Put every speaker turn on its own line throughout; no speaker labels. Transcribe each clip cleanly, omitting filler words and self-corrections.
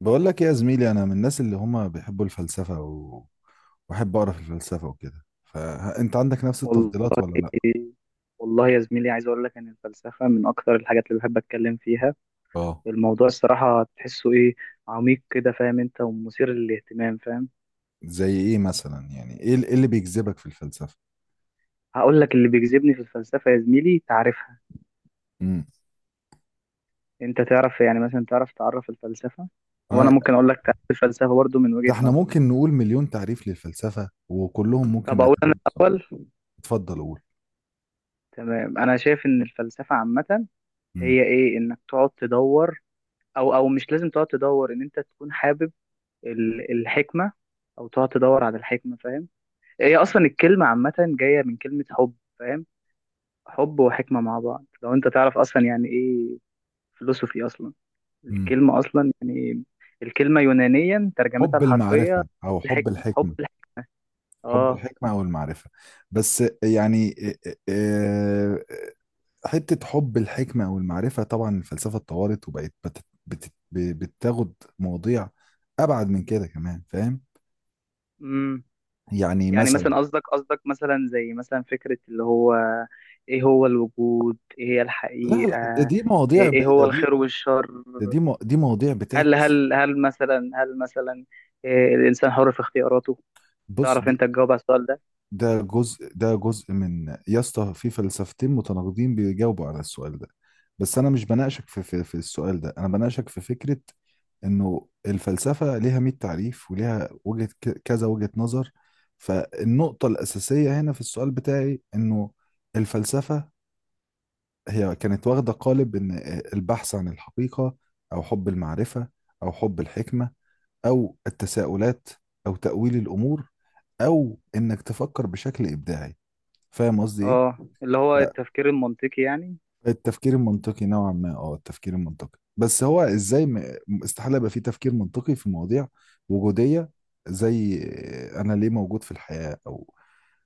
بقول لك إيه يا زميلي؟ انا من الناس اللي هم بيحبوا الفلسفه واحب اقرا في الفلسفه وكده. فانت عندك نفس
والله
التفضيلات ولا لا؟
والله. يا زميلي، عايز اقول لك ان الفلسفه من اكتر الحاجات اللي بحب اتكلم فيها.
اه.
الموضوع الصراحه تحسه ايه، عميق كده، فاهم انت، ومثير للاهتمام، فاهم.
زي ايه مثلا؟ يعني ايه إيه اللي بيجذبك في الفلسفه؟
هقول لك اللي بيجذبني في الفلسفه يا زميلي، تعرفها.
امم
انت تعرف، يعني مثلا تعرف الفلسفه، وانا
آه،
ممكن اقول لك تعرف الفلسفه برضو من
ده
وجهه
احنا
نظري.
ممكن نقول مليون تعريف للفلسفه وكلهم ممكن
طب اقول انا
نعتبرهم صح.
الاول.
اتفضل قول.
تمام، انا شايف ان الفلسفه عامه
امم
هي ايه، انك تقعد تدور، او مش لازم تقعد تدور، ان انت تكون حابب الحكمه، او تقعد تدور على الحكمه، فاهم. هي اصلا الكلمه عامه جايه من كلمه حب، فاهم. حب وحكمه مع بعض، لو انت تعرف اصلا يعني ايه فلسفي اصلا،
امم
الكلمه اصلا يعني إيه؟ الكلمه يونانيا ترجمتها
حب
الحرفيه
المعرفه او حب
الحكمه، حب
الحكمه.
الحكمه.
حب
اه.
الحكمه او المعرفه. بس يعني حتة حب الحكمة والمعرفة، طبعا الفلسفة اتطورت وبقت بتاخد مواضيع أبعد من كده كمان، فاهم؟
امم
يعني
يعني
مثلا،
مثلا، قصدك مثلا، زي مثلا فكره اللي هو ايه هو الوجود، ايه هي
لا لا،
الحقيقه،
دي مواضيع
ايه
ب...
إيه هو
ده دي
الخير والشر،
ده دي مو... دي مواضيع
هل
بتعكس.
هل هل مثلا هل مثلا إيه، الانسان حر في اختياراته؟
بص،
تعرف انت
دي
تجاوب على السؤال ده؟
ده جزء من، يا اسطى، في فلسفتين متناقضين بيجاوبوا على السؤال ده. بس أنا مش بناقشك في السؤال ده، أنا بناقشك في فكرة انه الفلسفه ليها 100 تعريف وليها وجهه كذا وجهه نظر. فالنقطه الاساسيه هنا في السؤال بتاعي انه الفلسفه هي كانت واخده قالب ان البحث عن الحقيقه، او حب المعرفه، او حب الحكمه، او التساؤلات، او تاويل الامور، او انك تفكر بشكل ابداعي. فاهم قصدي ايه؟
اه، اللي هو التفكير المنطقي يعني.
التفكير المنطقي نوعا ما، اه التفكير المنطقي، بس هو ازاي استحالة يبقى فيه تفكير منطقي في مواضيع وجودية، زي انا ليه موجود في الحياة، او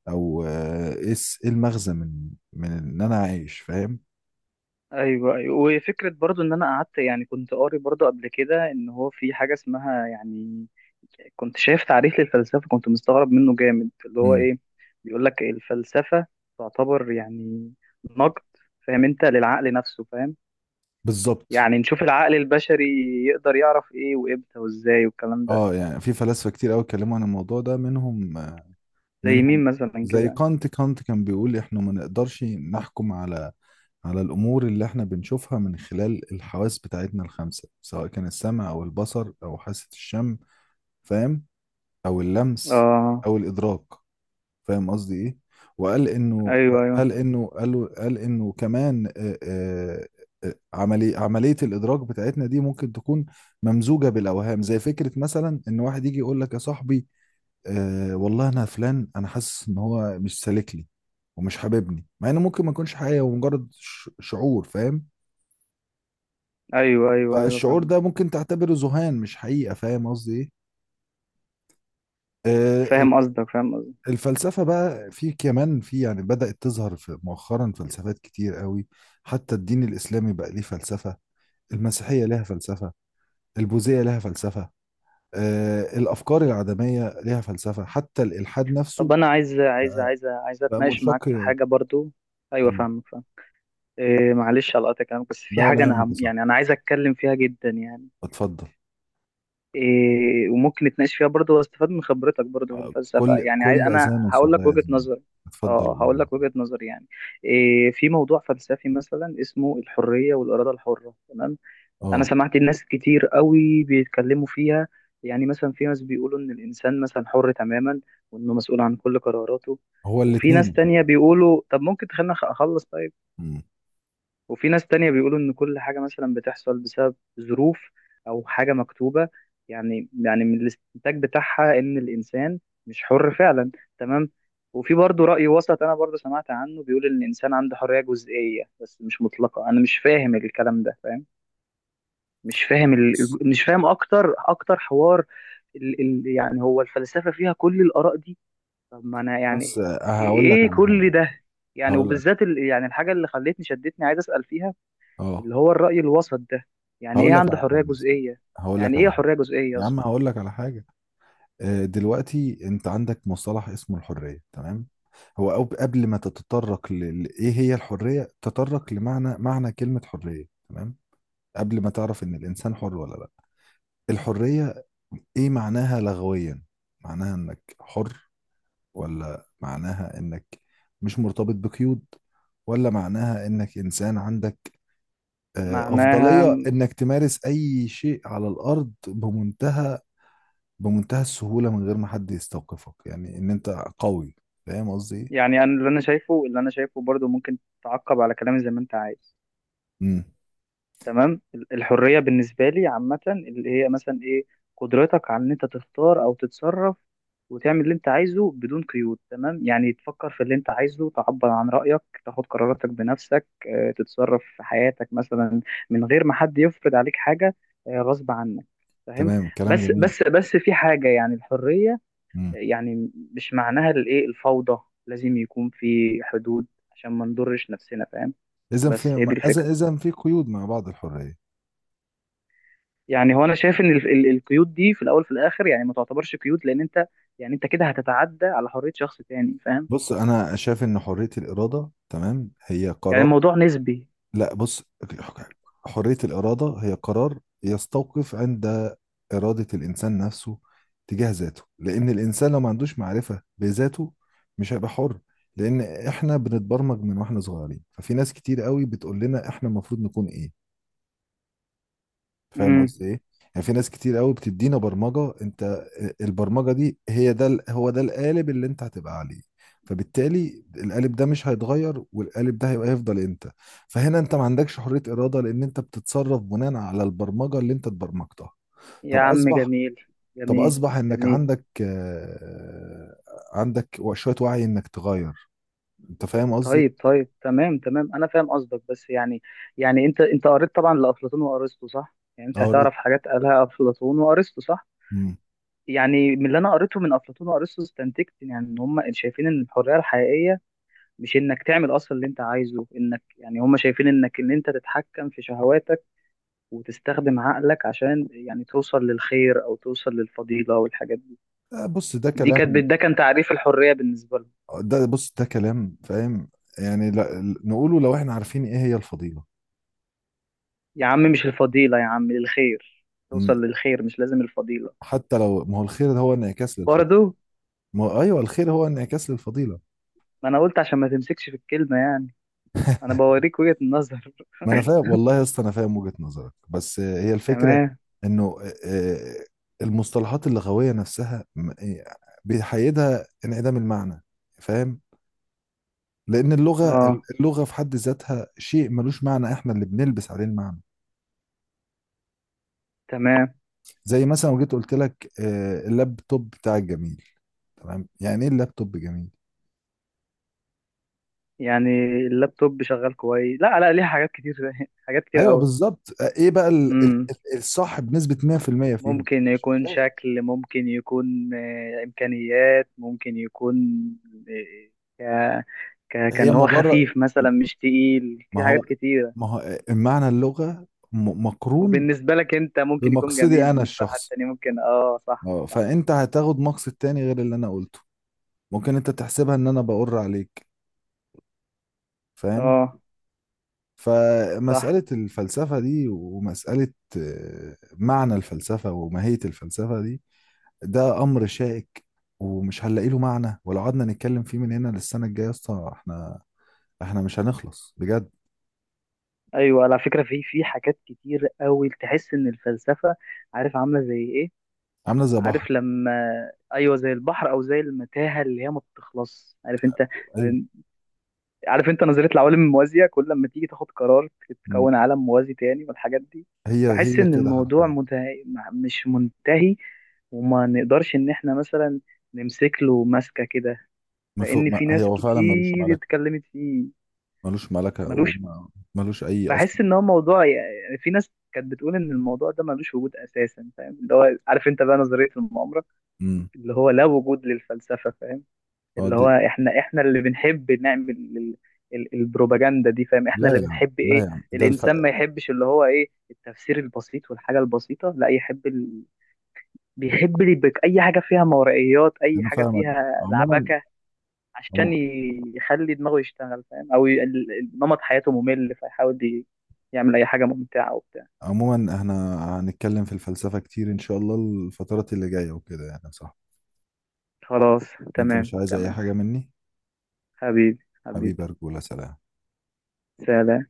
او آه، ايه إيه المغزى من ان انا عايش، فاهم؟
ايوه، ايوه، وفكره برضو ان انا قعدت، يعني كنت قاري برضو قبل كده ان هو في حاجه اسمها يعني، كنت شايف تعريف للفلسفه كنت مستغرب منه جامد، اللي هو
امم.
ايه، بيقول لك الفلسفه تعتبر يعني نقد، فاهم انت، للعقل نفسه، فاهم.
بالظبط.
يعني نشوف العقل البشري يقدر يعرف ايه وامتى وازاي والكلام ده.
اه، يعني في فلاسفة كتير قوي اتكلموا عن الموضوع ده، منهم
زي
منهم
مين مثلا
زي
كده؟
كان بيقول احنا ما نقدرش نحكم على على الأمور اللي احنا بنشوفها من خلال الحواس بتاعتنا الخمسة، سواء كان السمع أو البصر أو حاسة الشم، فاهم، أو اللمس
اه.
أو الإدراك. فاهم قصدي إيه؟ وقال إنه
ايوه،
قال
ايوه،
إنه قال قال إنه كمان عملية الإدراك بتاعتنا دي ممكن تكون ممزوجة بالأوهام، زي فكرة مثلا إن واحد يجي يقول لك: يا صاحبي، آه والله، أنا فلان، أنا حاسس إن هو مش سالك لي ومش حاببني، مع إنه ممكن ما يكونش حقيقة ومجرد شعور، فاهم؟
ايوه، ايوه، ايوه.
فالشعور
فاهم،
ده ممكن تعتبره ذهان مش حقيقة. فاهم قصدي ايه؟ آه،
فاهم قصدك، فاهم.
الفلسفة بقى في كمان في، يعني بدأت تظهر في مؤخرا فلسفات كتير قوي. حتى الدين الإسلامي بقى ليه فلسفة، المسيحية لها فلسفة، البوذية لها فلسفة، الأفكار العدمية لها فلسفة، حتى الإلحاد نفسه
طب انا عايز
بقى
اتناقش
منشق
معاك في
فيه.
حاجه برضو. ايوه فاهمك، فاهم. إيه، معلش على قطع كلامك، بس في
ده
حاجه
ولا
انا
يهمك يا
هم،
صاحبي،
يعني انا عايز اتكلم فيها جدا يعني،
اتفضل.
إيه، وممكن نتناقش فيها برضو واستفاد من خبرتك برضو في الفلسفه،
كل
يعني عايز،
كل
انا
أذان
هقول
صاغية
لك
يا
وجهه
زميلي،
نظري. اه،
اتفضل قول يا
هقول لك
زميلي.
وجهه نظري يعني، إيه، في موضوع فلسفي مثلا اسمه الحريه والاراده الحره، تمام. انا
اه.
سمعت الناس كتير قوي بيتكلموا فيها، يعني مثلا في ناس بيقولوا ان الانسان مثلا حر تماما، وانه مسؤول عن كل قراراته.
هو
وفي ناس
الاتنين خلي
تانية
بالك.
بيقولوا طب ممكن تخلينا اخلص، طيب.
مم.
وفي ناس تانية بيقولوا ان كل حاجة مثلا بتحصل بسبب ظروف او حاجة مكتوبة، يعني من الاستنتاج بتاعها ان الانسان مش حر فعلا، تمام. وفي برضه رأي وسط انا برضه سمعت عنه، بيقول ان الانسان عنده حرية جزئية بس مش مطلقة، انا مش فاهم الكلام ده، فاهم. مش فاهم
بص.
مش فاهم اكتر حوار، يعني هو الفلسفه فيها كل الاراء دي، طب ما انا
بس
يعني ايه
هقول لك
إيه
على حاجة.
كل ده، يعني
هقول لك.
وبالذات يعني الحاجه اللي خلتني شدتني عايز اسال فيها
اه.
اللي هو الراي الوسط ده، يعني ايه
هقول لك
عنده
على
حريه
حاجه اسمها،
جزئيه،
هقول لك
يعني ايه
على حاجه،
حريه جزئيه
يا
اصلا
عم هقول لك على حاجه. دلوقتي انت عندك مصطلح اسمه الحريه، تمام؟ هو قبل ما تتطرق ل ايه هي الحريه، تطرق لمعنى معنى كلمه حريه، تمام. قبل ما تعرف ان الانسان حر ولا لا، الحريه ايه معناها لغويا؟ معناها انك حر، ولا معناها انك مش مرتبط بقيود، ولا معناها انك انسان عندك
معناها؟
أفضلية إنك تمارس أي شيء على الأرض بمنتهى بمنتهى السهولة، من غير ما حد يستوقفك، يعني إن أنت قوي. فاهم قصدي إيه؟
يعني انا اللي انا شايفه برضو، ممكن تعقب على كلامي زي ما انت عايز،
امم.
تمام. الحريه بالنسبه لي عامه اللي هي مثلا ايه، قدرتك على ان انت تختار او تتصرف وتعمل اللي انت عايزه بدون قيود، تمام، يعني تفكر في اللي انت عايزه، تعبر عن رايك، تاخد قراراتك بنفسك، تتصرف في حياتك مثلا من غير ما حد يفرض عليك حاجه غصب عنك، فاهم.
تمام، كلام
بس
جميل.
بس بس في حاجه، يعني الحريه
امم.
يعني مش معناها الايه، الفوضى، لازم يكون في حدود عشان ما نضرش نفسنا، فاهم.
إذا
بس هي دي
في
الفكره،
إذا في قيود مع بعض الحرية.
يعني هو انا شايف ان القيود دي في الاول في الاخر يعني ما تعتبرش قيود، لان انت يعني انت كده هتتعدى على حرية شخص تاني، فاهم.
بص، أنا شايف إن حرية الإرادة، تمام، هي
يعني
قرار.
الموضوع نسبي.
لا بص، حرية الإرادة هي قرار يستوقف عند إرادة الإنسان نفسه تجاه ذاته. لأن الإنسان لو ما عندوش معرفة بذاته مش هيبقى حر. لأن إحنا بنتبرمج من وإحنا صغيرين، ففي ناس كتير قوي بتقول لنا إحنا المفروض نكون إيه. فاهم
امم
قصدي ايه؟ يعني في ناس كتير قوي بتدينا برمجة. انت البرمجة دي هي هو ده القالب اللي انت هتبقى عليه. فبالتالي القالب ده مش هيتغير، والقالب ده هيفضل انت. فهنا انت ما عندكش حرية إرادة، لان انت بتتصرف بناء على البرمجة اللي انت اتبرمجتها.
يا
طب
عم،
اصبح
جميل،
طب
جميل،
اصبح انك
جميل.
عندك عندك شوية وعي انك تغير انت، فاهم قصدي؟
طيب، طيب، تمام، تمام، انا فاهم قصدك، بس يعني يعني انت قريت طبعا لافلاطون وارسطو صح، يعني انت
اه.
هتعرف حاجات قالها افلاطون وارسطو صح.
مم.
يعني من اللي انا قريته من افلاطون وارسطو استنتجت يعني ان هم شايفين ان الحريه الحقيقيه مش انك تعمل اصلا اللي انت عايزه، انك يعني هم شايفين انك ان انت تتحكم في شهواتك وتستخدم عقلك عشان يعني توصل للخير او توصل للفضيله والحاجات دي،
بص ده
دي كانت
كلام،
ده كان تعريف الحريه بالنسبه لهم.
ده كلام، فاهم؟ يعني لا نقوله لو احنا عارفين ايه هي الفضيلة.
يا عم مش الفضيله يا عم، الخير. توصل
م-
للخير مش لازم الفضيله.
حتى لو، ما هو الخير ده هو انعكاس للفضيلة.
برضو،
ما هو ايوه، الخير هو انعكاس للفضيلة.
ما انا قلت عشان ما تمسكش في الكلمه يعني، انا بوريك وجهه النظر
ما انا فاهم والله يا اسطى، انا فاهم وجهة نظرك، بس هي الفكرة
تمام.
انه آه، المصطلحات اللغوية نفسها بيحيدها انعدام المعنى، فاهم؟ لان اللغة،
اه،
اللغة في حد ذاتها شيء ملوش معنى، احنا اللي بنلبس عليه المعنى.
تمام،
زي مثلا لو جيت قلت لك اللابتوب بتاع الجميل، تمام، يعني ايه اللابتوب جميل؟
يعني اللابتوب شغال كويس، لا، لا، ليه حاجات كتير حاجات كتير
ايوه بالظبط. ايه بقى
قوي.
الصح بنسبة 100% فيهم؟
ممكن
مش
يكون
هتلاقي.
شكل، ممكن يكون إمكانيات، ممكن يكون آه، آه، ك ك
هي
كان هو
مجرد،
خفيف مثلا مش تقيل
ما
في
هو
حاجات كتيرة.
ما هو آه، معنى اللغة مقرون
وبالنسبة لك أنت ممكن يكون جميل،
بمقصدي انا
بالنسبة لحد
الشخصي.
تاني ممكن صح،
اه،
صح،
فانت هتاخد مقصد تاني غير اللي انا قلته، ممكن انت تحسبها ان انا بقر عليك، فاهم؟
آه صح.
فمسألة الفلسفة دي، ومسألة معنى الفلسفة وماهية الفلسفة دي، ده امر شائك ومش هنلاقي له معنى. ولو قعدنا نتكلم فيه من هنا للسنه الجايه يا اسطى، احنا مش هنخلص بجد.
أيوة على فكرة، في حاجات كتير أوي تحس إن الفلسفة، عارف، عاملة زي إيه،
عامله زي بحر.
عارف لما، أيوة زي البحر أو زي المتاهة اللي هي ما بتخلص، عارف أنت،
ايوه.
عارف انت نظريه العوالم الموازيه، كل لما تيجي تاخد قرار
م.
تكون عالم موازي تاني والحاجات دي.
هي
بحس
هي
ان
كده
الموضوع
حرفيا.
مش منتهي، وما نقدرش ان احنا مثلا نمسك له ماسكه كده،
ما فوق
لان
ما
في
هي
ناس
هو فعلا ملوش
كتير
ملكه.
اتكلمت فيه،
ملوش ملكه
ملوش.
وملوش اي اصلا.
بحس ان هو موضوع يعني، في ناس كانت بتقول ان الموضوع ده ملوش وجود اساسا، فاهم، اللي هو، عارف انت، بقى نظريه المؤامره،
امم.
اللي هو لا وجود للفلسفه، فاهم.
هو
اللي هو
دي،
احنا اللي بنحب نعمل البروباجندا دي، فاهم، احنا
لا
اللي
يا عم،
بنحب
لا
ايه،
يا عم،
الانسان ما يحبش اللي هو ايه، التفسير البسيط والحاجه البسيطه، لا يحب بيحب اي حاجه فيها مورائيات، اي
انا
حاجه
فاهمك.
فيها
عموما،
لعبكه عشان
عمو-
يخلي دماغه يشتغل، فاهم. او نمط حياته ممل فيحاول يعمل اي حاجه ممتعه وبتاع.
عموما احنا هنتكلم في الفلسفه كتير ان شاء الله الفترات اللي جايه وكده، يعني صح؟
خلاص،
انت
تمام،
مش عايز اي
تمام.
حاجه مني؟
حبيبي،
حبيبي،
حبيبي.
ارجوله، سلام.
سلام.